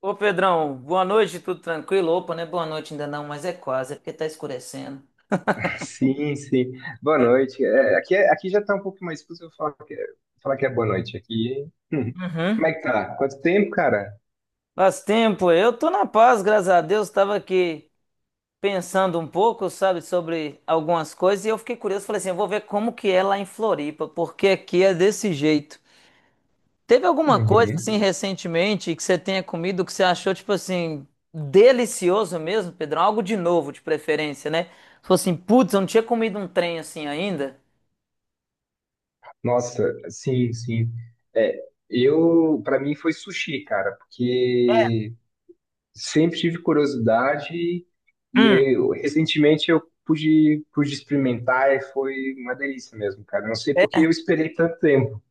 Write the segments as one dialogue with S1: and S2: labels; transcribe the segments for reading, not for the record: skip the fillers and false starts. S1: Ô Pedrão, boa noite, tudo tranquilo? Opa, não é boa noite ainda não, mas é quase, é porque tá escurecendo.
S2: Sim, sim. Boa noite. Aqui já tá um pouco mais difícil eu falar falar que é boa noite aqui. Hum. Como
S1: Uhum.
S2: é que tá? Quanto tempo, cara?
S1: Faz tempo, eu tô na paz, graças a Deus, tava aqui pensando um pouco, sabe, sobre algumas coisas e eu fiquei curioso, falei assim, eu vou ver como que é lá em Floripa, porque aqui é desse jeito. Teve alguma coisa assim
S2: Uhum.
S1: recentemente que você tenha comido que você achou tipo assim delicioso mesmo, Pedrão? Algo de novo, de preferência, né? Falou assim, putz, eu não tinha comido um trem assim ainda.
S2: Nossa, sim, sim. É, Para mim foi sushi, cara, porque sempre tive curiosidade recentemente eu pude experimentar e foi uma delícia mesmo, cara. Não sei por que eu esperei tanto tempo.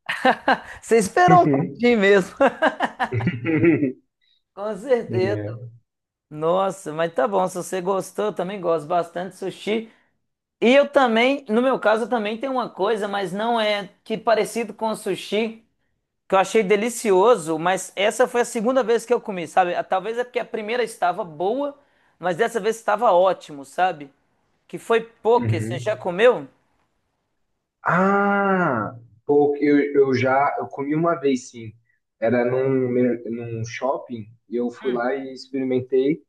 S1: Você esperou um pouquinho mesmo.
S2: Uhum.
S1: Com certeza.
S2: É.
S1: Nossa, mas tá bom, se você gostou, eu também gosto bastante de sushi. E eu também, no meu caso, eu também tenho uma coisa, mas não é que parecido com o sushi, que eu achei delicioso, mas essa foi a segunda vez que eu comi, sabe? Ah, talvez é porque a primeira estava boa, mas dessa vez estava ótimo, sabe? Que foi poke, você já
S2: Uhum.
S1: comeu?
S2: Ah, pô, eu já eu comi uma vez sim. Era num shopping e eu fui lá e experimentei.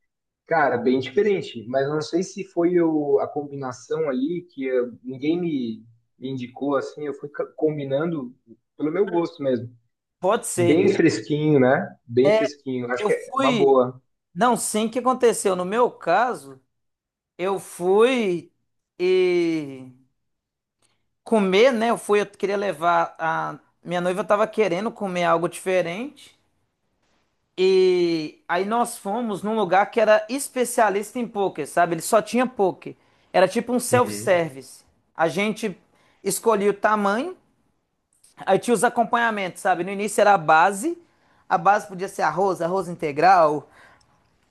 S2: Cara, bem diferente, mas eu não sei se foi a combinação ali que me indicou assim. Eu fui combinando pelo meu gosto mesmo.
S1: Pode ser.
S2: Bem fresquinho, né? Bem
S1: É,
S2: fresquinho. Acho
S1: eu
S2: que é uma
S1: fui.
S2: boa.
S1: Não, sim, o que aconteceu? No meu caso, eu fui e comer, né? Eu fui, eu queria levar a minha noiva tava querendo comer algo diferente. E aí nós fomos num lugar que era especialista em poker, sabe? Ele só tinha poker. Era tipo um
S2: Uhum.
S1: self-service. A gente escolhia o tamanho, aí tinha os acompanhamentos, sabe? No início era a base. A base podia ser arroz, arroz integral,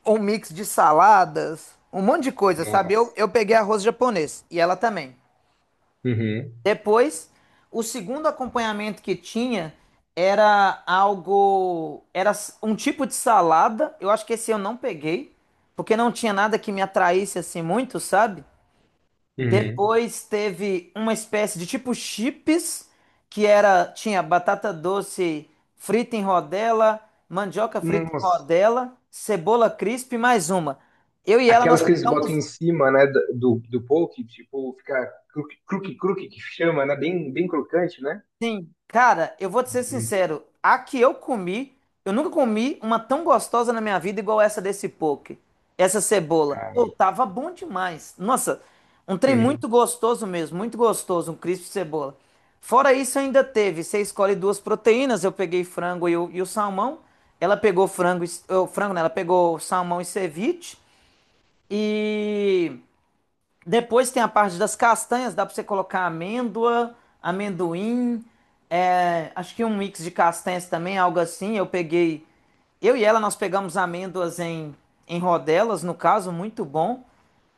S1: um mix de saladas, um monte de coisa, sabe? Eu,
S2: Nossa.
S1: eu peguei arroz japonês e ela também.
S2: Uhum.
S1: Depois, o segundo acompanhamento que tinha era algo, era um tipo de salada. Eu acho que esse eu não peguei, porque não tinha nada que me atraísse assim muito, sabe?
S2: Uhum.
S1: Depois teve uma espécie de tipo chips, que era tinha batata doce frita em rodela, mandioca frita em
S2: Nossa.
S1: rodela, cebola crisp e mais uma. Eu e ela
S2: Aquelas
S1: nós
S2: que eles botam
S1: pegamos.
S2: em cima, né, do poke, tipo, fica cruque, cruque, cruque, que chama, né, bem crocante, né?
S1: Sim, cara, eu vou te ser
S2: Hum,
S1: sincero. A que eu comi, eu nunca comi uma tão gostosa na minha vida igual essa desse poke. Essa cebola. Pô,
S2: cara.
S1: tava bom demais. Nossa, um trem
S2: Hum.
S1: muito gostoso mesmo, muito gostoso, um crisp de cebola. Fora isso, ainda teve. Você escolhe duas proteínas. Eu peguei frango e o salmão. Ela pegou frango, o frango, né? Ela pegou salmão e ceviche. E. Depois tem a parte das castanhas, dá para você colocar amêndoa, amendoim, é, acho que um mix de castanhas também, algo assim. Eu peguei, eu e ela nós pegamos amêndoas em rodelas, no caso, muito bom.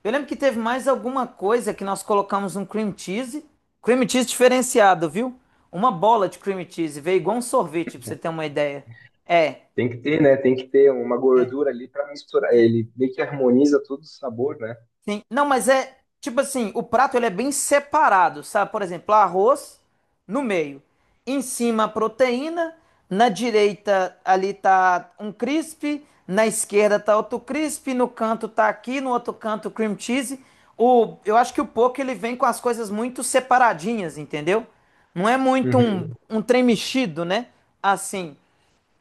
S1: Eu lembro que teve mais alguma coisa que nós colocamos um cream cheese diferenciado, viu? Uma bola de cream cheese, veio igual um sorvete, para você ter uma ideia. É.
S2: Tem que ter, né, tem que ter uma gordura ali pra misturar, ele meio que harmoniza todo o sabor, né?
S1: Sim. Não, mas é tipo assim, o prato ele é bem separado, sabe? Por exemplo, arroz no meio, em cima a proteína, na direita ali tá um crisp, na esquerda tá outro crisp, no canto tá aqui, no outro canto cream cheese. O, eu acho que o poke ele vem com as coisas muito separadinhas, entendeu? Não é muito um,
S2: Uhum.
S1: um trem mexido, né? Assim,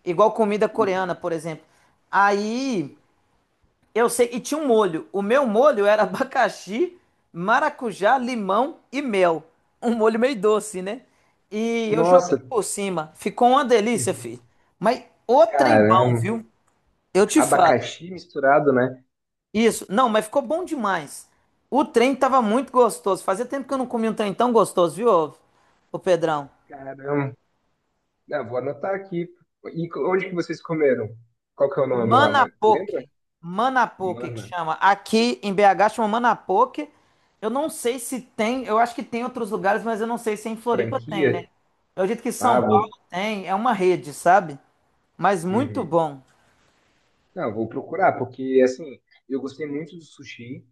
S1: igual comida coreana, por exemplo. Aí eu sei, e tinha um molho. O meu molho era abacaxi, maracujá, limão e mel. Um molho meio doce, né? E eu joguei
S2: Nossa,
S1: por cima. Ficou uma delícia, filho. Mas o trem bom,
S2: caramba,
S1: viu? Eu te falo.
S2: abacaxi misturado, né?
S1: Isso. Não, mas ficou bom demais. O trem tava muito gostoso. Fazia tempo que eu não comia um trem tão gostoso, viu, ô, ô Pedrão?
S2: Caramba, ah, vou anotar aqui. E onde que vocês comeram? Qual que é o nome lá, mas lembra?
S1: Manapoque. Manapoque que
S2: Mana,
S1: chama. Aqui em BH chama Manapoque. Eu não sei se tem, eu acho que tem em outros lugares, mas eu não sei se em Floripa tem,
S2: franquia?
S1: né? Eu acredito que
S2: Ah,
S1: São Paulo
S2: vou.
S1: tem, é uma rede, sabe? Mas muito bom.
S2: Não, eu vou procurar, porque assim, eu gostei muito do sushi.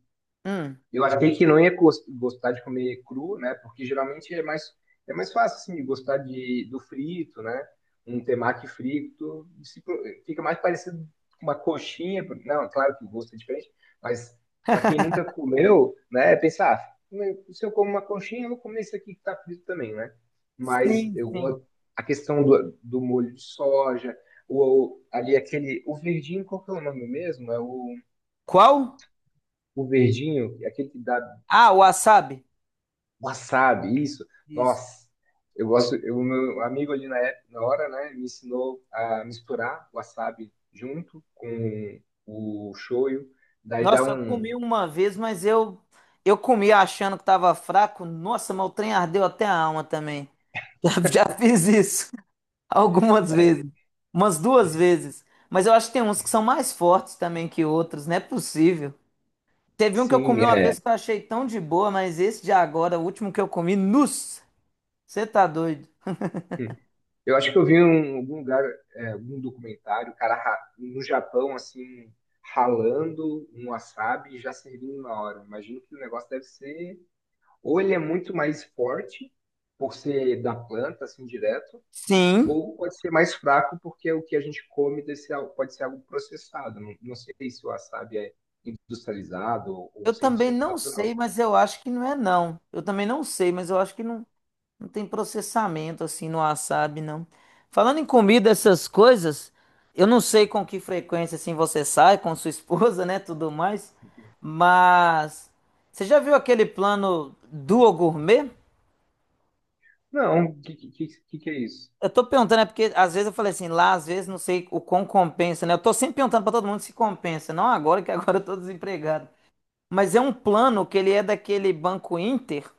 S1: Hum.
S2: Eu achei que não ia gostar de comer cru, né? Porque geralmente é mais fácil, assim, de gostar do frito, né? Um temaki frito. Se pro- Fica mais parecido com uma coxinha. Não, claro que o gosto é diferente, mas para quem nunca comeu, né? Pensar, ah, né, se eu como uma coxinha, eu vou comer isso aqui que tá frito também, né? Mas
S1: Sim,
S2: eu
S1: sim.
S2: gosto. A questão do molho de soja, o, ali aquele. O verdinho, qual que é o nome mesmo?
S1: Qual?
S2: O verdinho, aquele que dá
S1: Ah, o wasabi.
S2: wasabi, isso.
S1: Isso.
S2: Nossa, eu gosto. O meu amigo ali época, na hora, né, me ensinou a misturar wasabi junto com o shoyu. Daí dá
S1: Nossa, eu
S2: um.
S1: comi uma vez, mas eu comi achando que tava fraco. Nossa, mas o trem ardeu até a alma também. Já, já fiz isso. Algumas
S2: É,
S1: vezes. Umas duas vezes. Mas eu acho que tem uns que são mais fortes também que outros, não é possível. Teve um que eu comi
S2: sim,
S1: uma
S2: é.
S1: vez que eu achei tão de boa, mas esse de agora, o último que eu comi, nossa, você tá doido?
S2: Eu acho que eu vi em algum lugar, é, algum documentário, o cara no Japão, assim, ralando um wasabi e já servindo na hora. Imagino que o negócio deve ser. Ou ele é muito mais forte, por ser da planta, assim, direto.
S1: Sim.
S2: Ou pode ser mais fraco, porque o que a gente come desse, pode ser algo processado. Não, não sei se o wasabi é industrializado ou
S1: Eu também
S2: 100%
S1: não
S2: natural,
S1: sei,
S2: sabe?
S1: mas eu acho que não é não. Eu também não sei, mas eu acho que não. Não tem processamento assim no wasabi, não. Falando em comida, essas coisas, eu não sei com que frequência assim você sai com sua esposa, né, tudo mais, mas você já viu aquele plano Duo Gourmet?
S2: Não, o que é isso?
S1: Eu tô perguntando, é porque às vezes eu falei assim, lá às vezes não sei o quão compensa, né? Eu tô sempre perguntando pra todo mundo se compensa, não agora que agora eu tô desempregado. Mas é um plano que ele é daquele Banco Inter,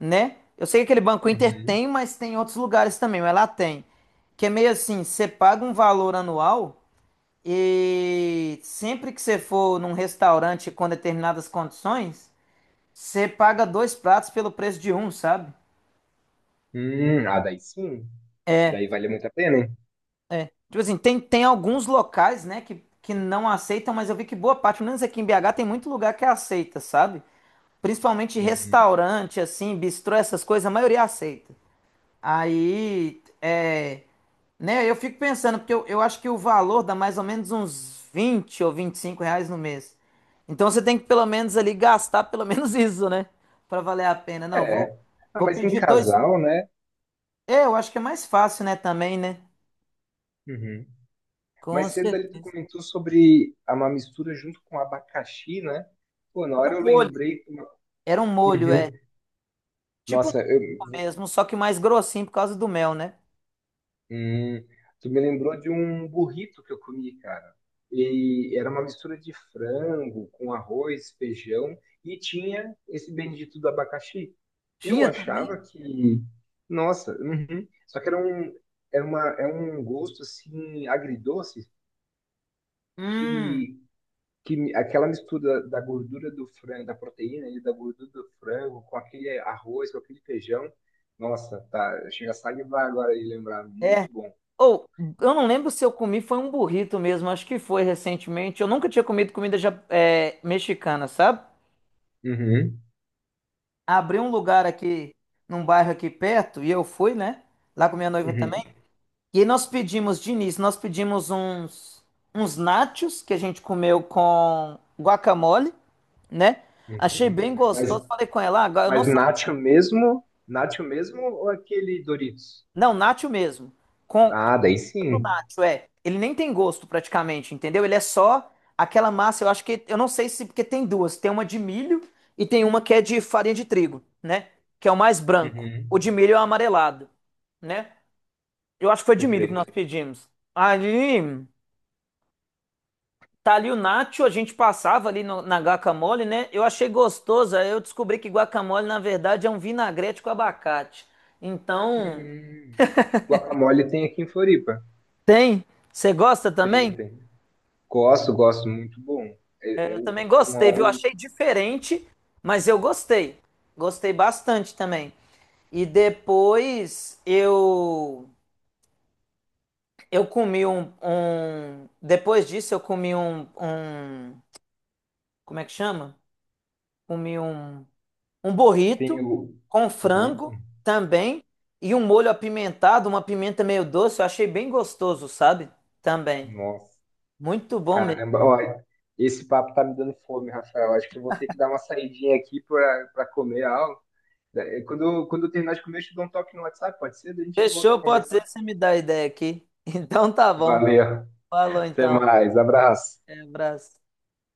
S1: né? Eu sei que aquele Banco Inter
S2: Uhum.
S1: tem, mas tem em outros lugares também, mas lá tem. Que é meio assim, você paga um valor anual e sempre que você for num restaurante com determinadas condições, você paga dois pratos pelo preço de um, sabe?
S2: Ah, daí sim. Daí vale muito a pena, hein?
S1: Tipo assim, tem alguns locais, né, que não aceitam, mas eu vi que boa parte, pelo menos aqui em BH, tem muito lugar que aceita, sabe? Principalmente
S2: Uhum.
S1: restaurante, assim, bistrô, essas coisas, a maioria aceita. Aí, é, né, eu fico pensando, porque eu acho que o valor dá mais ou menos uns 20 ou 25 reais no mês. Então você tem que pelo menos ali gastar pelo menos isso, né? Pra valer a pena. Não, vou,
S2: É. Ah,
S1: vou
S2: mas em
S1: pedir dois.
S2: casal, né?
S1: É, eu acho que é mais fácil, né? Também, né?
S2: Uhum. Mais
S1: Com
S2: cedo ali tu
S1: certeza.
S2: comentou sobre uma mistura junto com abacaxi, né? Pô, na
S1: Era
S2: hora eu
S1: um molho.
S2: lembrei.
S1: Era um molho, é.
S2: Uhum.
S1: Tipo
S2: Nossa, eu,
S1: um mesmo, só que mais grossinho por causa do mel, né?
S2: hum, tu me lembrou de um burrito que eu comi, cara. E era uma mistura de frango com arroz, feijão e tinha esse bendito do abacaxi. Eu
S1: Tinha também?
S2: achava que, nossa, uhum. Só que era um, era uma, é um gosto assim agridoce
S1: Hum,
S2: que, que aquela mistura da gordura do frango, da proteína e da gordura do frango com aquele arroz, com aquele feijão, nossa, tá, chega a salivar agora de lembrar,
S1: é.
S2: muito bom.
S1: Ou, eu não lembro se eu comi, foi um burrito mesmo, acho que foi recentemente. Eu nunca tinha comido comida é, mexicana, sabe?
S2: Uhum.
S1: Abri um lugar aqui, num bairro aqui perto, e eu fui, né? Lá com minha noiva também.
S2: Uhum,
S1: E aí nós pedimos, de início, nós pedimos uns nachos que a gente comeu com guacamole, né? Achei
S2: uhum.
S1: bem gostoso. Falei com ela, "Ah, agora eu não
S2: Mas
S1: sabia."
S2: nacho mesmo? Nacho mesmo ou aquele Doritos?
S1: Não, nacho mesmo. Com
S2: Ah, daí sim.
S1: nacho, é. Ele nem tem gosto praticamente, entendeu? Ele é só aquela massa, eu acho que. Eu não sei se. Porque tem duas. Tem uma de milho e tem uma que é de farinha de trigo, né? Que é o mais branco.
S2: Uhum,
S1: O de milho é o amarelado, né? Eu acho que foi de milho que nós
S2: perfeito.
S1: pedimos. Ali, tá ali o nacho, a gente passava ali na guacamole, né? Eu achei gostoso, aí eu descobri que guacamole, na verdade, é um vinagrete com abacate. Então,
S2: Hum. Guacamole tem aqui em Floripa.
S1: tem? Você gosta
S2: Tem,
S1: também?
S2: tem. Gosto, gosto, muito bom. É,
S1: É,
S2: é
S1: eu
S2: o-
S1: também
S2: com
S1: gostei,
S2: a-
S1: viu?
S2: um-
S1: Achei diferente, mas eu gostei. Gostei bastante também. E depois eu comi um, depois disso eu comi um como é que chama? Comi um um
S2: tem
S1: burrito
S2: o
S1: com
S2: burrito.
S1: frango também e um molho apimentado, uma pimenta meio doce. Eu achei bem gostoso, sabe? Também.
S2: Nossa,
S1: Muito bom mesmo.
S2: caramba. Olha, esse papo tá me dando fome, Rafael. Acho que eu vou ter que dar uma saidinha aqui para comer algo. É, quando eu terminar de comer, eu te dou um toque no WhatsApp, pode ser? Daí a gente volta a
S1: Fechou, pode ser,
S2: conversar.
S1: você me dá a ideia aqui. Então tá bom.
S2: Valeu.
S1: Falou
S2: Até
S1: então.
S2: mais. Abraço.
S1: Um abraço.